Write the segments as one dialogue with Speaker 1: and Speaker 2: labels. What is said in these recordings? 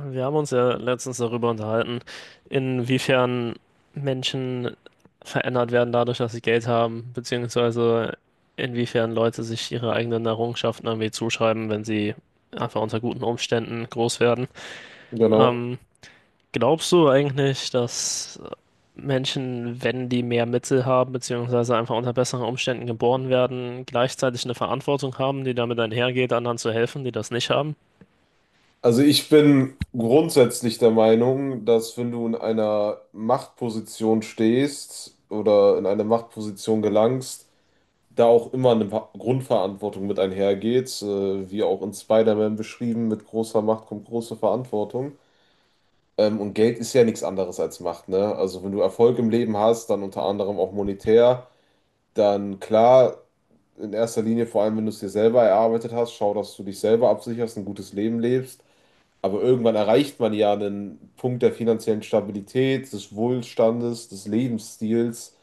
Speaker 1: Wir haben uns ja letztens darüber unterhalten, inwiefern Menschen verändert werden dadurch, dass sie Geld haben, beziehungsweise inwiefern Leute sich ihre eigenen Errungenschaften irgendwie zuschreiben, wenn sie einfach unter guten Umständen groß werden.
Speaker 2: Genau.
Speaker 1: Ähm, Glaubst du eigentlich, dass Menschen, wenn die mehr Mittel haben, beziehungsweise einfach unter besseren Umständen geboren werden, gleichzeitig eine Verantwortung haben, die damit einhergeht, anderen zu helfen, die das nicht haben?
Speaker 2: Also ich bin grundsätzlich der Meinung, dass wenn du in einer Machtposition stehst oder in eine Machtposition gelangst, da auch immer eine Grundverantwortung mit einhergeht, wie auch in Spider-Man beschrieben, mit großer Macht kommt große Verantwortung. Und Geld ist ja nichts anderes als Macht, ne? Also wenn du Erfolg im Leben hast, dann unter anderem auch monetär, dann klar, in erster Linie, vor allem wenn du es dir selber erarbeitet hast, schau, dass du dich selber absicherst, ein gutes Leben lebst. Aber irgendwann erreicht man ja einen Punkt der finanziellen Stabilität, des Wohlstandes, des Lebensstils,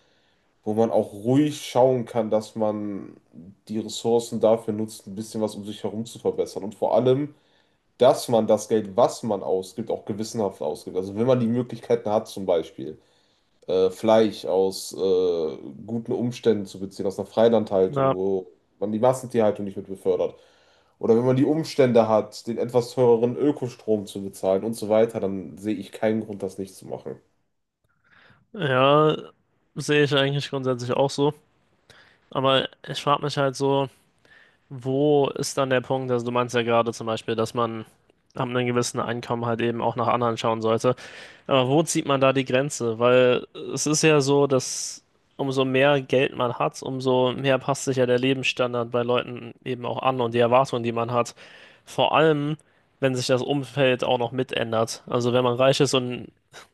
Speaker 2: wo man auch ruhig schauen kann, dass man die Ressourcen dafür nutzt, ein bisschen was um sich herum zu verbessern. Und vor allem, dass man das Geld, was man ausgibt, auch gewissenhaft ausgibt. Also wenn man die Möglichkeiten hat, zum Beispiel Fleisch aus guten Umständen zu beziehen, aus einer Freilandhaltung,
Speaker 1: Ja.
Speaker 2: wo man die Massentierhaltung nicht mit befördert oder wenn man die Umstände hat, den etwas teureren Ökostrom zu bezahlen und so weiter, dann sehe ich keinen Grund, das nicht zu machen.
Speaker 1: Ja, sehe ich eigentlich grundsätzlich auch so. Aber ich frage mich halt so, wo ist dann der Punkt? Also du meinst ja gerade zum Beispiel, dass man ab einem gewissen Einkommen halt eben auch nach anderen schauen sollte. Aber wo zieht man da die Grenze? Weil es ist ja so, dass umso mehr Geld man hat, umso mehr passt sich ja der Lebensstandard bei Leuten eben auch an und die Erwartungen, die man hat. Vor allem, wenn sich das Umfeld auch noch mit ändert. Also wenn man reich ist und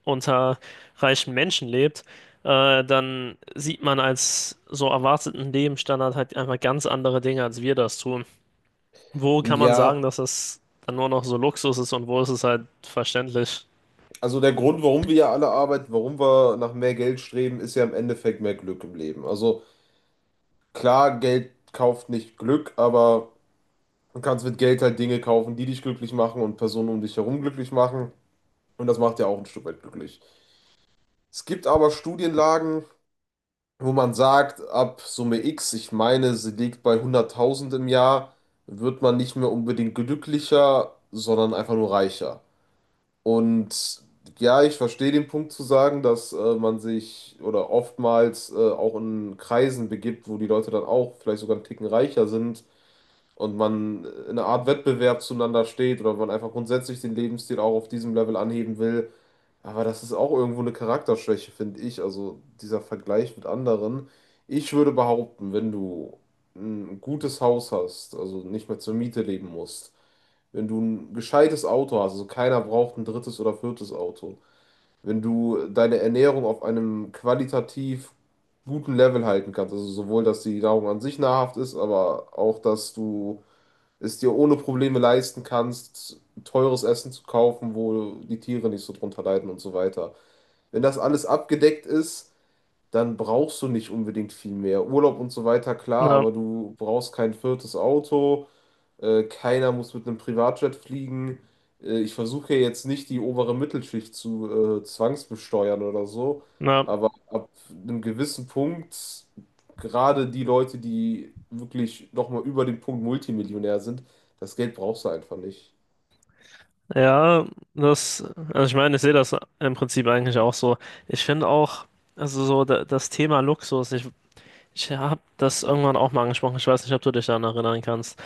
Speaker 1: unter reichen Menschen lebt, dann sieht man als so erwarteten Lebensstandard halt einfach ganz andere Dinge, als wir das tun. Wo kann man sagen,
Speaker 2: Ja,
Speaker 1: dass das dann nur noch so Luxus ist und wo ist es halt verständlich?
Speaker 2: also der Grund, warum wir ja alle arbeiten, warum wir nach mehr Geld streben, ist ja im Endeffekt mehr Glück im Leben. Also klar, Geld kauft nicht Glück, aber du kannst mit Geld halt Dinge kaufen, die dich glücklich machen und Personen um dich herum glücklich machen. Und das macht ja auch ein Stück weit glücklich. Es gibt aber Studienlagen, wo man sagt, ab Summe X, ich meine, sie liegt bei 100.000 im Jahr, wird man nicht mehr unbedingt glücklicher, sondern einfach nur reicher. Und ja, ich verstehe den Punkt zu sagen, dass man sich oder oftmals auch in Kreisen begibt, wo die Leute dann auch vielleicht sogar einen Ticken reicher sind und man in einer Art Wettbewerb zueinander steht oder man einfach grundsätzlich den Lebensstil auch auf diesem Level anheben will. Aber das ist auch irgendwo eine Charakterschwäche, finde ich. Also dieser Vergleich mit anderen. Ich würde behaupten, wenn du ein gutes Haus hast, also nicht mehr zur Miete leben musst, wenn du ein gescheites Auto hast, also keiner braucht ein drittes oder viertes Auto, wenn du deine Ernährung auf einem qualitativ guten Level halten kannst, also sowohl, dass die Nahrung an sich nahrhaft ist, aber auch, dass du es dir ohne Probleme leisten kannst, teures Essen zu kaufen, wo die Tiere nicht so drunter leiden und so weiter. Wenn das alles abgedeckt ist, dann brauchst du nicht unbedingt viel mehr. Urlaub und so weiter, klar,
Speaker 1: Na,
Speaker 2: aber du brauchst kein viertes Auto, keiner muss mit einem Privatjet fliegen. Ich versuche ja jetzt nicht die obere Mittelschicht zu zwangsbesteuern oder so,
Speaker 1: na,
Speaker 2: aber ab einem gewissen Punkt, gerade die Leute, die wirklich nochmal über den Punkt Multimillionär sind, das Geld brauchst du einfach nicht.
Speaker 1: ja, das, also ich meine, ich sehe das im Prinzip eigentlich auch so. Ich finde auch, also so da, das Thema Luxus, ich habe das irgendwann auch mal angesprochen, ich weiß nicht, ob du dich daran erinnern kannst,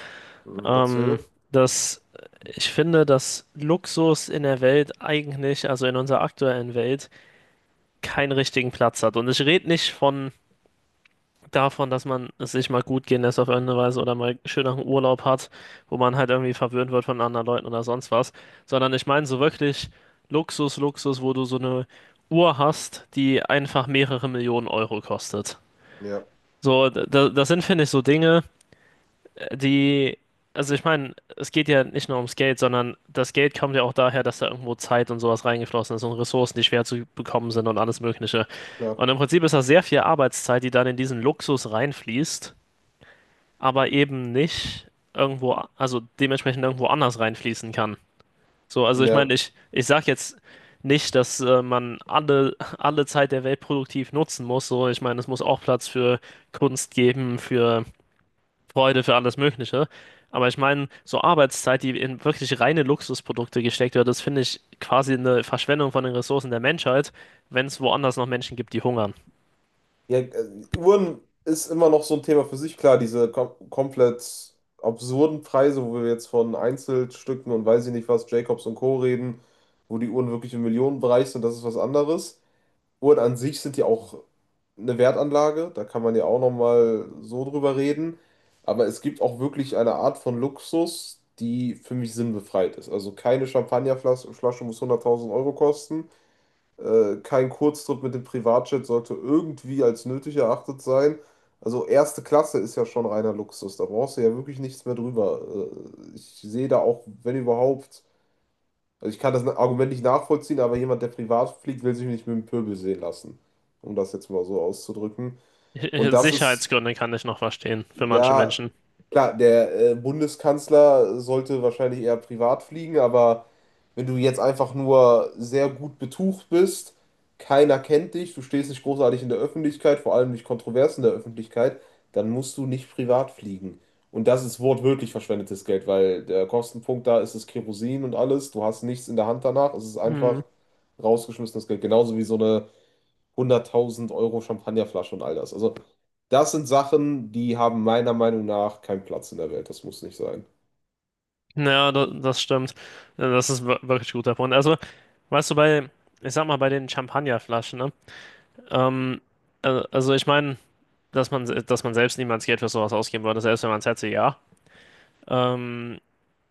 Speaker 2: Mhm,
Speaker 1: ähm,
Speaker 2: erzähl.
Speaker 1: dass ich finde, dass Luxus in der Welt eigentlich, also in unserer aktuellen Welt, keinen richtigen Platz hat. Und ich rede nicht von davon, dass man es sich mal gut gehen lässt auf irgendeine Weise oder mal schön nach einem Urlaub hat, wo man halt irgendwie verwöhnt wird von anderen Leuten oder sonst was, sondern ich meine so wirklich Luxus, Luxus, wo du so eine Uhr hast, die einfach mehrere Millionen Euro kostet.
Speaker 2: Ja,
Speaker 1: So, das sind, finde ich, so Dinge, die, also ich meine, es geht ja nicht nur ums Geld, sondern das Geld kommt ja auch daher, dass da irgendwo Zeit und sowas reingeflossen ist und Ressourcen, die schwer zu bekommen sind und alles Mögliche.
Speaker 2: klar.
Speaker 1: Und im Prinzip ist das sehr viel Arbeitszeit, die dann in diesen Luxus reinfließt, aber eben nicht irgendwo, also dementsprechend irgendwo anders reinfließen kann. So, also ich
Speaker 2: Ja.
Speaker 1: meine, ich sag jetzt nicht, dass man alle Zeit der Welt produktiv nutzen muss. So, ich meine, es muss auch Platz für Kunst geben, für Freude, für alles Mögliche. Aber ich meine, so Arbeitszeit, die in wirklich reine Luxusprodukte gesteckt wird, das finde ich quasi eine Verschwendung von den Ressourcen der Menschheit, wenn es woanders noch Menschen gibt, die hungern.
Speaker 2: Ja, Uhren ist immer noch so ein Thema für sich. Klar, diese komplett absurden Preise, wo wir jetzt von Einzelstücken und weiß ich nicht was, Jacobs und Co. reden, wo die Uhren wirklich im Millionenbereich sind, das ist was anderes. Uhren an sich sind ja auch eine Wertanlage, da kann man ja auch nochmal so drüber reden. Aber es gibt auch wirklich eine Art von Luxus, die für mich sinnbefreit ist. Also keine Champagnerflasche Flasche muss 100.000 € kosten. Kein Kurztrip mit dem Privatjet sollte irgendwie als nötig erachtet sein. Also erste Klasse ist ja schon reiner Luxus. Da brauchst du ja wirklich nichts mehr drüber. Ich sehe da auch, wenn überhaupt, also ich kann das Argument nicht nachvollziehen, aber jemand, der privat fliegt, will sich nicht mit dem Pöbel sehen lassen. Um das jetzt mal so auszudrücken. Und das ist
Speaker 1: Sicherheitsgründe kann ich noch verstehen für manche
Speaker 2: ja,
Speaker 1: Menschen.
Speaker 2: klar, der Bundeskanzler sollte wahrscheinlich eher privat fliegen, aber wenn du jetzt einfach nur sehr gut betucht bist, keiner kennt dich, du stehst nicht großartig in der Öffentlichkeit, vor allem nicht kontrovers in der Öffentlichkeit, dann musst du nicht privat fliegen. Und das ist wortwörtlich verschwendetes Geld, weil der Kostenpunkt da ist das Kerosin und alles, du hast nichts in der Hand danach, es ist
Speaker 1: Hm.
Speaker 2: einfach rausgeschmissenes Geld, genauso wie so eine 100.000 € Champagnerflasche und all das. Also, das sind Sachen, die haben meiner Meinung nach keinen Platz in der Welt. Das muss nicht sein.
Speaker 1: Ja, das stimmt. Ja, das ist wirklich ein guter Punkt. Also, weißt du, bei, ich sag mal, bei den Champagnerflaschen, ne? Ähm, also ich meine, dass man, dass man selbst niemals Geld für sowas ausgeben würde, selbst wenn man es hätte, ja. Ähm,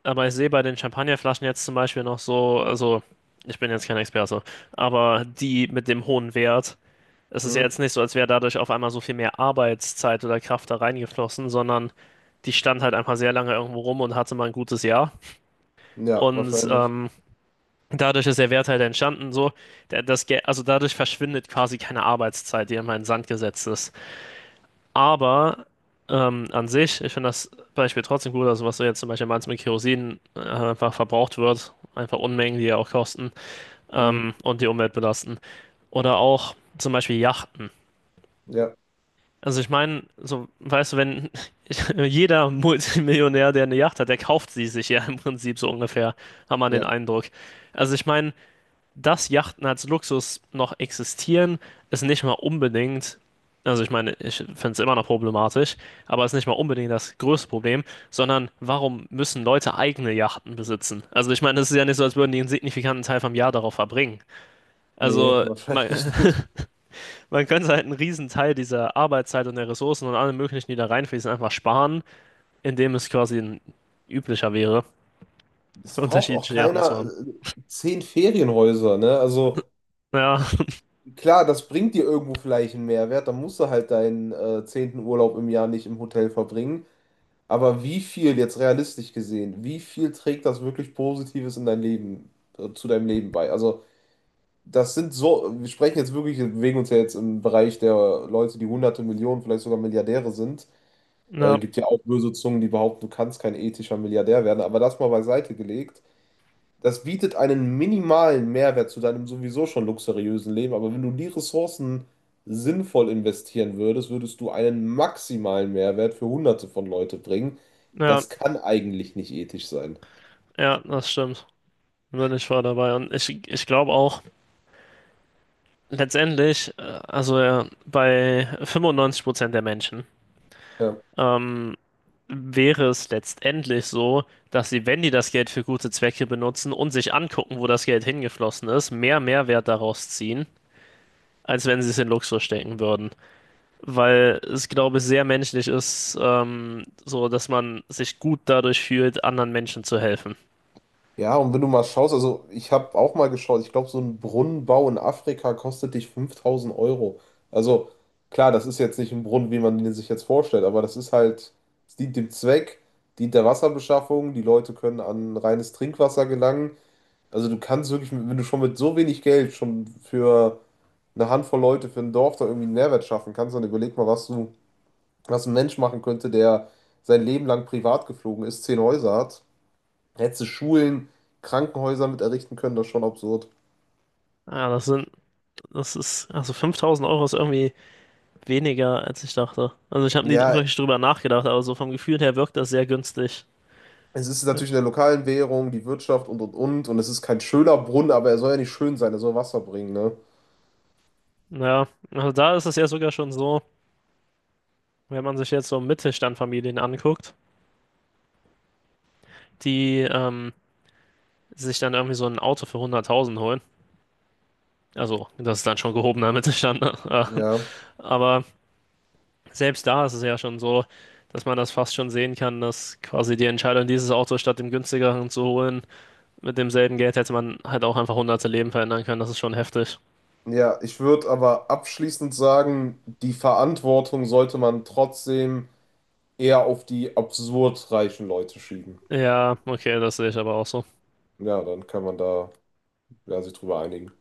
Speaker 1: Aber ich sehe bei den Champagnerflaschen jetzt zum Beispiel noch so, also ich bin jetzt kein Experte, aber die mit dem hohen Wert, es ist ja
Speaker 2: Hm?
Speaker 1: jetzt nicht so, als wäre dadurch auf einmal so viel mehr Arbeitszeit oder Kraft da reingeflossen, sondern die stand halt einfach sehr lange irgendwo rum und hatte mal ein gutes Jahr.
Speaker 2: Ja,
Speaker 1: Und
Speaker 2: wahrscheinlich.
Speaker 1: dadurch ist der Wert halt entstanden, so, also dadurch verschwindet quasi keine Arbeitszeit, die immer in den Sand gesetzt ist. Aber an sich, ich finde das Beispiel trotzdem gut, also was du jetzt zum Beispiel meinst mit Kerosin, einfach verbraucht wird, einfach Unmengen, die ja auch kosten
Speaker 2: Hm?
Speaker 1: und die Umwelt belasten. Oder auch zum Beispiel Yachten.
Speaker 2: Ja,
Speaker 1: Also ich meine, so, weißt du, wenn jeder Multimillionär, der eine Yacht hat, der kauft sie sich ja im Prinzip so ungefähr, hat man den
Speaker 2: ja.
Speaker 1: Eindruck. Also ich meine, dass Yachten als Luxus noch existieren, ist nicht mal unbedingt, also ich meine, ich finde es immer noch problematisch, aber ist nicht mal unbedingt das größte Problem, sondern warum müssen Leute eigene Yachten besitzen? Also ich meine, es ist ja nicht so, als würden die einen signifikanten Teil vom Jahr darauf verbringen.
Speaker 2: Nee,
Speaker 1: Also man,
Speaker 2: wahrscheinlich nicht.
Speaker 1: man könnte halt einen riesen Teil dieser Arbeitszeit und der Ressourcen und allem möglichen, die da reinfließen, einfach sparen, indem es quasi ein üblicher wäre,
Speaker 2: Es braucht auch
Speaker 1: unterschiedliche Yachten zu
Speaker 2: keiner
Speaker 1: haben.
Speaker 2: 10 Ferienhäuser, ne? Also
Speaker 1: Ja,
Speaker 2: klar, das bringt dir irgendwo vielleicht einen Mehrwert, dann musst du halt deinen 10. Urlaub im Jahr nicht im Hotel verbringen. Aber wie viel, jetzt realistisch gesehen, wie viel trägt das wirklich Positives in dein Leben, zu deinem Leben bei? Also das sind so, wir sprechen jetzt wirklich, wir bewegen uns ja jetzt im Bereich der Leute, die Hunderte Millionen, vielleicht sogar Milliardäre sind.
Speaker 1: ja,
Speaker 2: Gibt ja auch böse Zungen, die behaupten, du kannst kein ethischer Milliardär werden, aber das mal beiseite gelegt. Das bietet einen minimalen Mehrwert zu deinem sowieso schon luxuriösen Leben, aber wenn du die Ressourcen sinnvoll investieren würdest, würdest du einen maximalen Mehrwert für Hunderte von Leute bringen.
Speaker 1: ja,
Speaker 2: Das kann eigentlich nicht ethisch sein.
Speaker 1: ja, das stimmt. Wenn ich war dabei. Und ich glaube auch, letztendlich, bei 95% der Menschen,
Speaker 2: Ja.
Speaker 1: ähm, wäre es letztendlich so, dass sie, wenn die das Geld für gute Zwecke benutzen und sich angucken, wo das Geld hingeflossen ist, mehr Mehrwert daraus ziehen, als wenn sie es in Luxus stecken würden. Weil es, glaube ich, sehr menschlich ist, so, dass man sich gut dadurch fühlt, anderen Menschen zu helfen.
Speaker 2: Ja, und wenn du mal schaust, also ich habe auch mal geschaut, ich glaube, so ein Brunnenbau in Afrika kostet dich 5000 Euro. Also klar, das ist jetzt nicht ein Brunnen, wie man ihn sich jetzt vorstellt, aber das ist halt, es dient dem Zweck, dient der Wasserbeschaffung, die Leute können an reines Trinkwasser gelangen. Also du kannst wirklich, wenn du schon mit so wenig Geld schon für eine Handvoll Leute, für ein Dorf da irgendwie einen Mehrwert schaffen kannst, dann überleg mal, was du, was ein Mensch machen könnte, der sein Leben lang privat geflogen ist, 10 Häuser hat. Hättest du Schulen, Krankenhäuser mit errichten können, das ist schon absurd.
Speaker 1: Ja, das sind, das ist, also 5000 Euro ist irgendwie weniger, als ich dachte. Also ich habe nie
Speaker 2: Ja,
Speaker 1: wirklich drüber nachgedacht, aber so vom Gefühl her wirkt das sehr günstig.
Speaker 2: es ist natürlich in der lokalen Währung, die Wirtschaft und und. Und es ist kein schöner Brunnen, aber er soll ja nicht schön sein, er soll Wasser bringen, ne?
Speaker 1: Naja, also da ist es ja sogar schon so, wenn man sich jetzt so Mittelstandfamilien anguckt, die sich dann irgendwie so ein Auto für 100.000 holen. Also das ist dann schon gehobener Mittelstand, ne?
Speaker 2: Ja.
Speaker 1: Aber selbst da ist es ja schon so, dass man das fast schon sehen kann, dass quasi die Entscheidung, dieses Auto statt dem günstigeren zu holen, mit demselben Geld hätte man halt auch einfach hunderte Leben verändern können. Das ist schon heftig.
Speaker 2: Ja, ich würde aber abschließend sagen, die Verantwortung sollte man trotzdem eher auf die absurd reichen Leute schieben.
Speaker 1: Ja, okay, das sehe ich aber auch so.
Speaker 2: Ja, dann kann man da ja, sich drüber einigen.